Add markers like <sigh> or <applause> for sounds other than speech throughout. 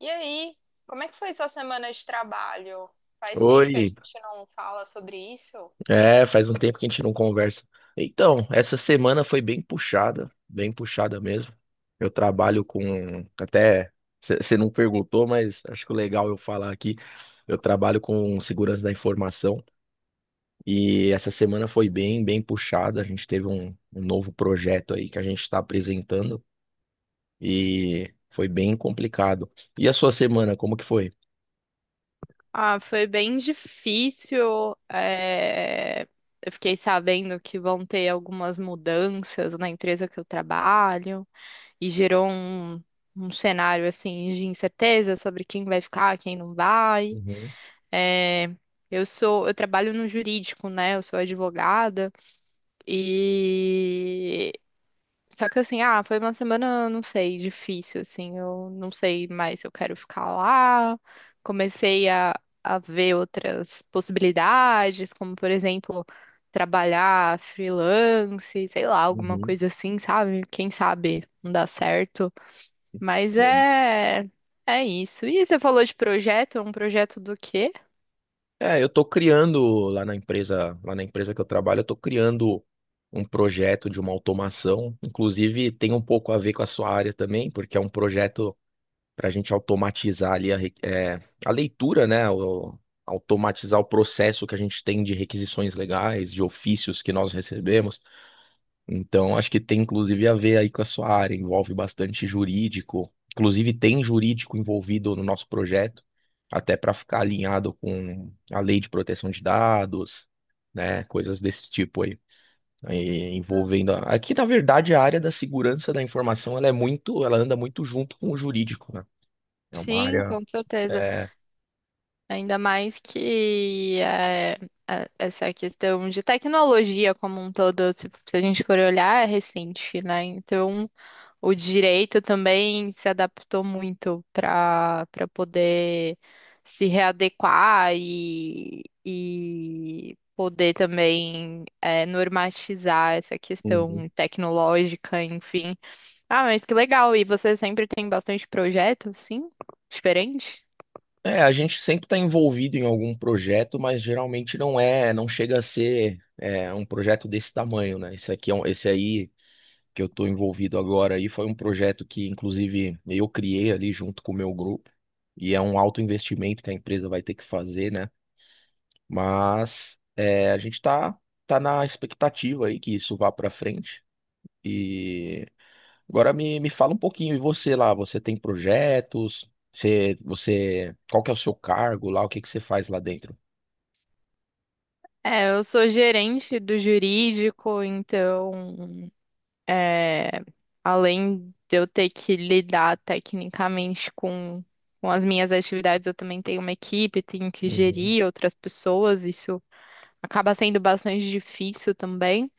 E aí, como é que foi sua semana de trabalho? Faz tempo que a Oi, gente não fala sobre isso. Faz um tempo que a gente não conversa. Então, essa semana foi bem puxada mesmo. Eu trabalho com, até, você não perguntou, mas acho que o legal eu falar aqui, eu trabalho com segurança da informação e essa semana foi bem, bem puxada. A gente teve um novo projeto aí que a gente está apresentando e foi bem complicado. E a sua semana, como que foi? Ah, foi bem difícil. Eu fiquei sabendo que vão ter algumas mudanças na empresa que eu trabalho e gerou um cenário assim de incerteza sobre quem vai ficar, quem não vai. Uhum, É, eu trabalho no jurídico, né? Eu sou advogada e só que assim, ah, foi uma semana, não sei, difícil, assim, eu não sei mais se eu quero ficar lá. Comecei a, a ver outras possibilidades, como por exemplo, trabalhar freelance, sei lá, alguma coisa assim, sabe? Quem sabe não dá certo. Mas uhum. é, é isso. E você falou de projeto, é um projeto do quê? É, eu tô criando lá na empresa que eu trabalho, eu tô criando um projeto de uma automação, inclusive tem um pouco a ver com a sua área também, porque é um projeto para a gente automatizar ali a, a leitura, né? Automatizar o processo que a gente tem de requisições legais, de ofícios que nós recebemos. Então, acho que tem inclusive a ver aí com a sua área, envolve bastante jurídico. Inclusive, tem jurídico envolvido no nosso projeto, até para ficar alinhado com a lei de proteção de dados, né? Coisas desse tipo aí. Aí, envolvendo. Aqui, na verdade, a área da segurança da informação, ela é muito, ela anda muito junto com o jurídico, né? É uma Sim, área. com certeza. é, Ainda mais que essa questão de tecnologia como um todo, se a gente for olhar, é recente, né? Então, o direito também se adaptou muito para poder se readequar e poder também normatizar essa um, questão tecnológica, enfim. Ah, mas que legal! E você sempre tem bastante projeto, sim? Diferente? É, a gente sempre está envolvido em algum projeto, mas geralmente não é, não chega a ser um projeto desse tamanho, né? Esse aqui é esse aí que eu estou envolvido agora aí foi um projeto que, inclusive, eu criei ali junto com o meu grupo e é um alto investimento que a empresa vai ter que fazer, né? Mas é, a gente está tá tá na expectativa aí que isso vá para frente e agora me fala um pouquinho, e você lá, você tem projetos? Você, qual que é o seu cargo lá? O que que você faz lá dentro? É, eu sou gerente do jurídico, então, é, além de eu ter que lidar tecnicamente com as minhas atividades, eu também tenho uma equipe, tenho que Uhum. gerir outras pessoas, isso acaba sendo bastante difícil também.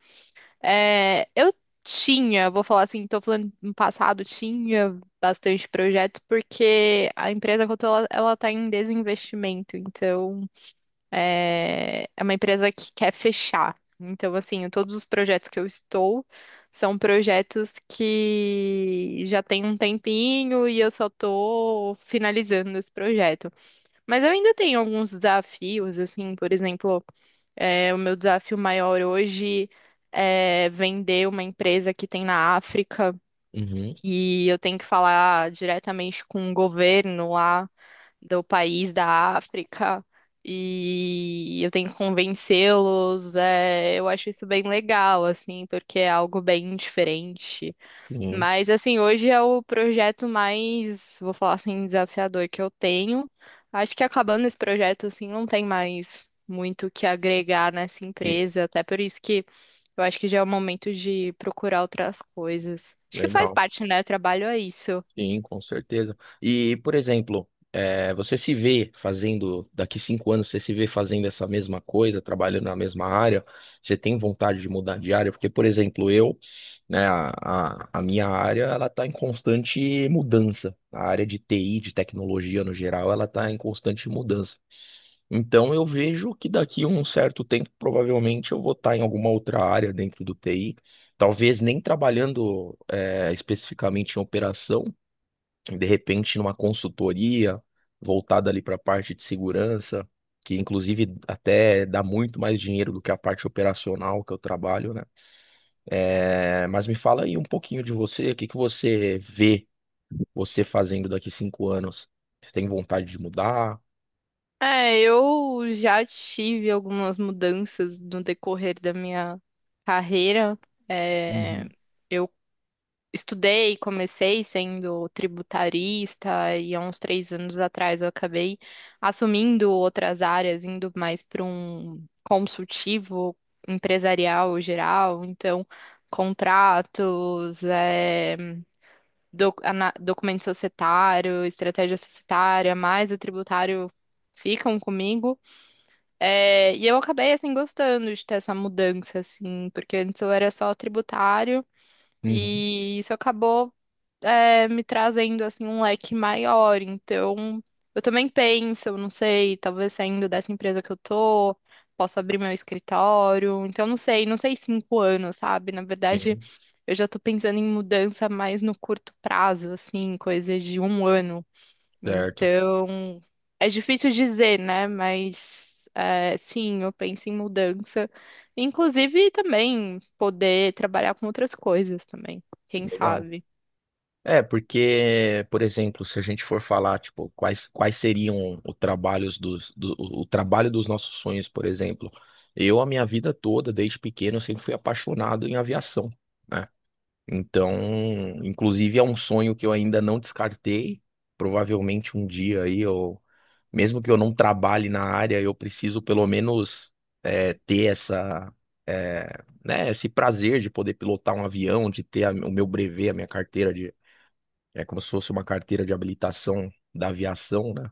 É, eu tinha, vou falar assim, tô falando no passado, tinha bastante projetos, porque a empresa que eu tô, ela tá em desinvestimento, então. É, é uma empresa que quer fechar. Então, assim, todos os projetos que eu estou são projetos que já tem um tempinho e eu só estou finalizando esse projeto. Mas eu ainda tenho alguns desafios, assim, por exemplo, o meu desafio maior hoje é vender uma empresa que tem na África Uhum. e eu tenho que falar diretamente com o governo lá do país da África e eu tenho que convencê-los. Eu acho isso bem legal, assim, porque é algo bem diferente. Sim, Mas, assim, hoje é o projeto mais, vou falar assim, desafiador que eu tenho. Acho que acabando esse projeto, assim, não tem mais muito o que agregar nessa sim. empresa, até por isso que eu acho que já é o momento de procurar outras coisas. Acho que faz Legal. parte, né? Trabalho é isso. Sim, com certeza. E, por exemplo, você se vê fazendo, daqui cinco anos, você se vê fazendo essa mesma coisa, trabalhando na mesma área, você tem vontade de mudar de área? Porque, por exemplo, eu, né, a minha área, ela está em constante mudança. A área de TI, de tecnologia no geral, ela está em constante mudança. Então, eu vejo que daqui a um certo tempo, provavelmente, eu vou estar em alguma outra área dentro do TI. Talvez nem trabalhando especificamente em operação, de repente numa consultoria voltada ali para a parte de segurança, que inclusive até dá muito mais dinheiro do que a parte operacional que eu trabalho, né? É, mas me fala aí um pouquinho de você, o que que você vê você fazendo daqui cinco anos? Você tem vontade de mudar? É, eu já tive algumas mudanças no decorrer da minha carreira. É, Uhum. eu estudei, comecei sendo tributarista e há uns três anos atrás eu acabei assumindo outras áreas, indo mais para um consultivo empresarial geral, então contratos, documento societário, estratégia societária, mais o tributário ficam comigo. É, e eu acabei, assim, gostando de ter essa mudança, assim, porque antes eu era só tributário Uhum. e isso acabou, me trazendo, assim, um leque maior. Então, eu também penso, eu não sei, talvez saindo dessa empresa que eu tô, posso abrir meu escritório. Então, não sei, não sei cinco anos, sabe? Na verdade, Sim, eu já tô pensando em mudança mais no curto prazo, assim, coisas de um ano. certo. Então, é difícil dizer, né? Mas é, sim, eu penso em mudança. Inclusive também poder trabalhar com outras coisas também, quem Legal. sabe. É, porque, por exemplo, se a gente for falar, tipo, quais, seriam os trabalhos dos, do, o trabalho dos nossos sonhos, por exemplo, eu, a minha vida toda, desde pequeno, eu sempre fui apaixonado em aviação, né? Então, inclusive, é um sonho que eu ainda não descartei. Provavelmente um dia aí, eu, mesmo que eu não trabalhe na área, eu preciso pelo menos ter essa, esse prazer de poder pilotar um avião, de ter o meu brevet, a minha carteira é como se fosse uma carteira de habilitação da aviação, né?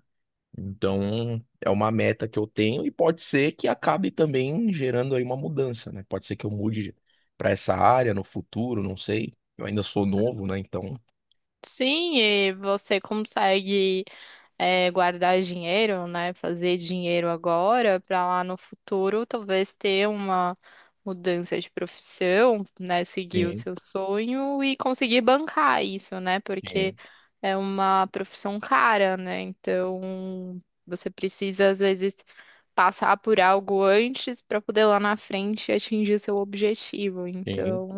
Então, é uma meta que eu tenho e pode ser que acabe também gerando aí uma mudança, né? Pode ser que eu mude para essa área no futuro, não sei. Eu ainda sou novo, né? Então, Sim, e você consegue. Guardar dinheiro, né? Fazer dinheiro agora para lá no futuro talvez ter uma mudança de profissão, né? Seguir o sim, seu sonho e conseguir bancar isso, né? Porque sim, é uma profissão cara, né? Então você precisa às vezes passar por algo antes para poder lá na frente atingir seu objetivo. sim, Então,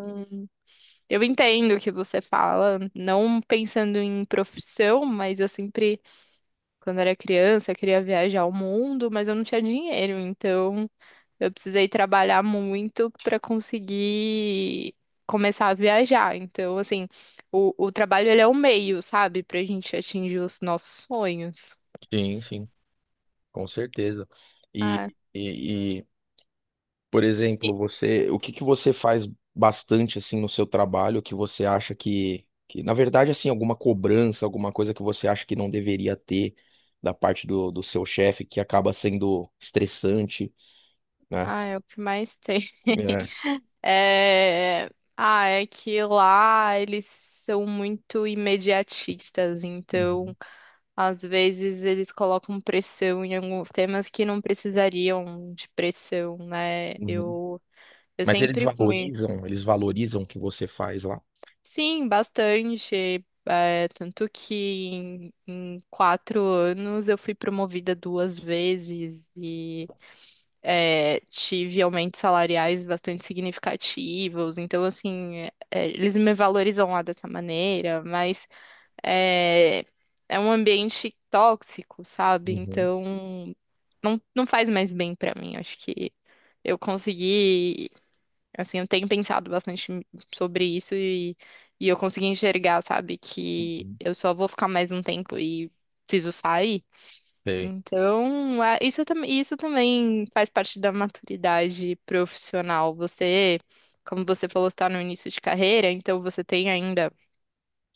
eu entendo o que você fala, não pensando em profissão, mas eu sempre quando eu era criança, eu queria viajar ao mundo, mas eu não tinha dinheiro, então eu precisei trabalhar muito para conseguir começar a viajar. Então, assim, o trabalho ele é o meio, sabe, pra gente atingir os nossos sonhos. sim, sim, com certeza. Ah, E, e, Por exemplo, você, o que que você faz bastante assim no seu trabalho que você acha que na verdade assim, alguma cobrança, alguma coisa que você acha que não deveria ter da parte do seu chefe que acaba sendo estressante, né? ah, é o que mais tem. <laughs> É. É, ah, é que lá eles são muito imediatistas, então Uhum, às vezes eles colocam pressão em alguns temas que não precisariam de pressão, né? uhum. Eu Mas sempre fui. Eles valorizam o que você faz lá. Sim, bastante. Tanto que em quatro anos eu fui promovida duas vezes e tive aumentos salariais bastante significativos. Então, assim, eles me valorizam lá dessa maneira, mas é, é um ambiente tóxico, sabe? Uhum, Então não, não faz mais bem pra mim. Acho que eu consegui, assim, eu tenho pensado bastante sobre isso e eu consegui enxergar, sabe, que uhum. eu só vou ficar mais um tempo e preciso sair. Sei. Então, isso, isso também faz parte da maturidade profissional. Você, como você falou, está no início de carreira, então você tem ainda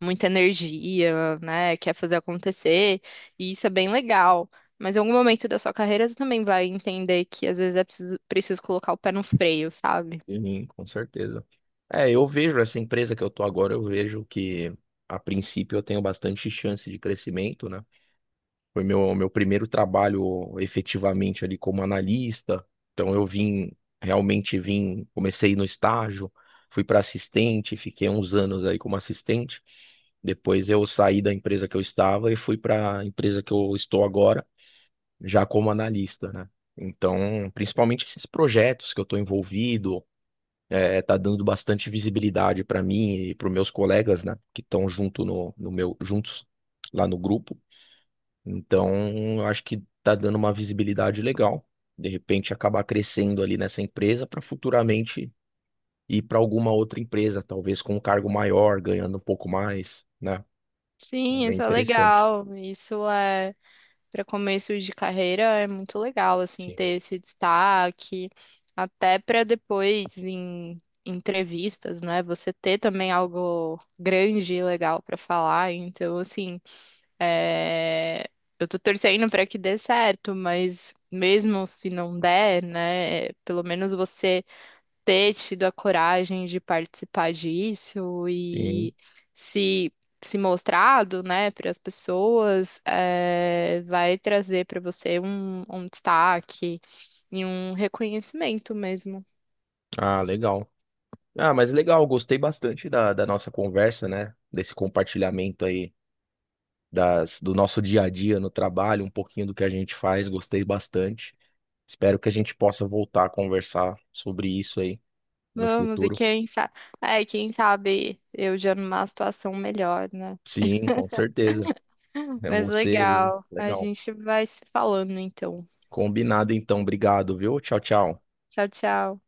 muita energia, né? Quer fazer acontecer, e isso é bem legal. Mas em algum momento da sua carreira você também vai entender que às vezes é preciso colocar o pé no freio, sabe? Sim, com certeza. É, eu vejo essa empresa que eu tô agora, eu vejo que a princípio eu tenho bastante chance de crescimento, né? Foi meu primeiro trabalho efetivamente ali como analista. Então eu vim, realmente vim, comecei no estágio, fui para assistente, fiquei uns anos aí como assistente. Depois eu saí da empresa que eu estava e fui para a empresa que eu estou agora, já como analista, né? Então, principalmente esses projetos que eu estou envolvido, tá dando bastante visibilidade para mim e para os meus colegas, né, que estão junto no meu, juntos lá no grupo. Então, eu acho que tá dando uma visibilidade legal. De repente, acabar crescendo ali nessa empresa para futuramente ir para alguma outra empresa, talvez com um cargo maior, ganhando um pouco mais, né? É Sim, bem isso é interessante. legal. Isso é para começo de carreira, é muito legal assim Sim. ter esse destaque, até para depois em entrevistas, né? Você ter também algo grande e legal para falar. Então, assim, é, eu tô torcendo pra que dê certo, mas mesmo se não der, né, pelo menos você ter tido a coragem de participar disso Sim. e se se mostrado, né, para as pessoas, é, vai trazer pra você um destaque e um reconhecimento mesmo. Ah, legal. Ah, mas legal, gostei bastante da, da nossa conversa, né? Desse compartilhamento aí das, do nosso dia a dia no trabalho, um pouquinho do que a gente faz, gostei bastante. Espero que a gente possa voltar a conversar sobre isso aí no Vamos, e futuro. quem sabe, é, quem sabe eu já numa situação melhor, né? Sim, com certeza. É Mas você. legal. A Legal. gente vai se falando então. Combinado então. Obrigado, viu? Tchau, tchau. Tchau, tchau.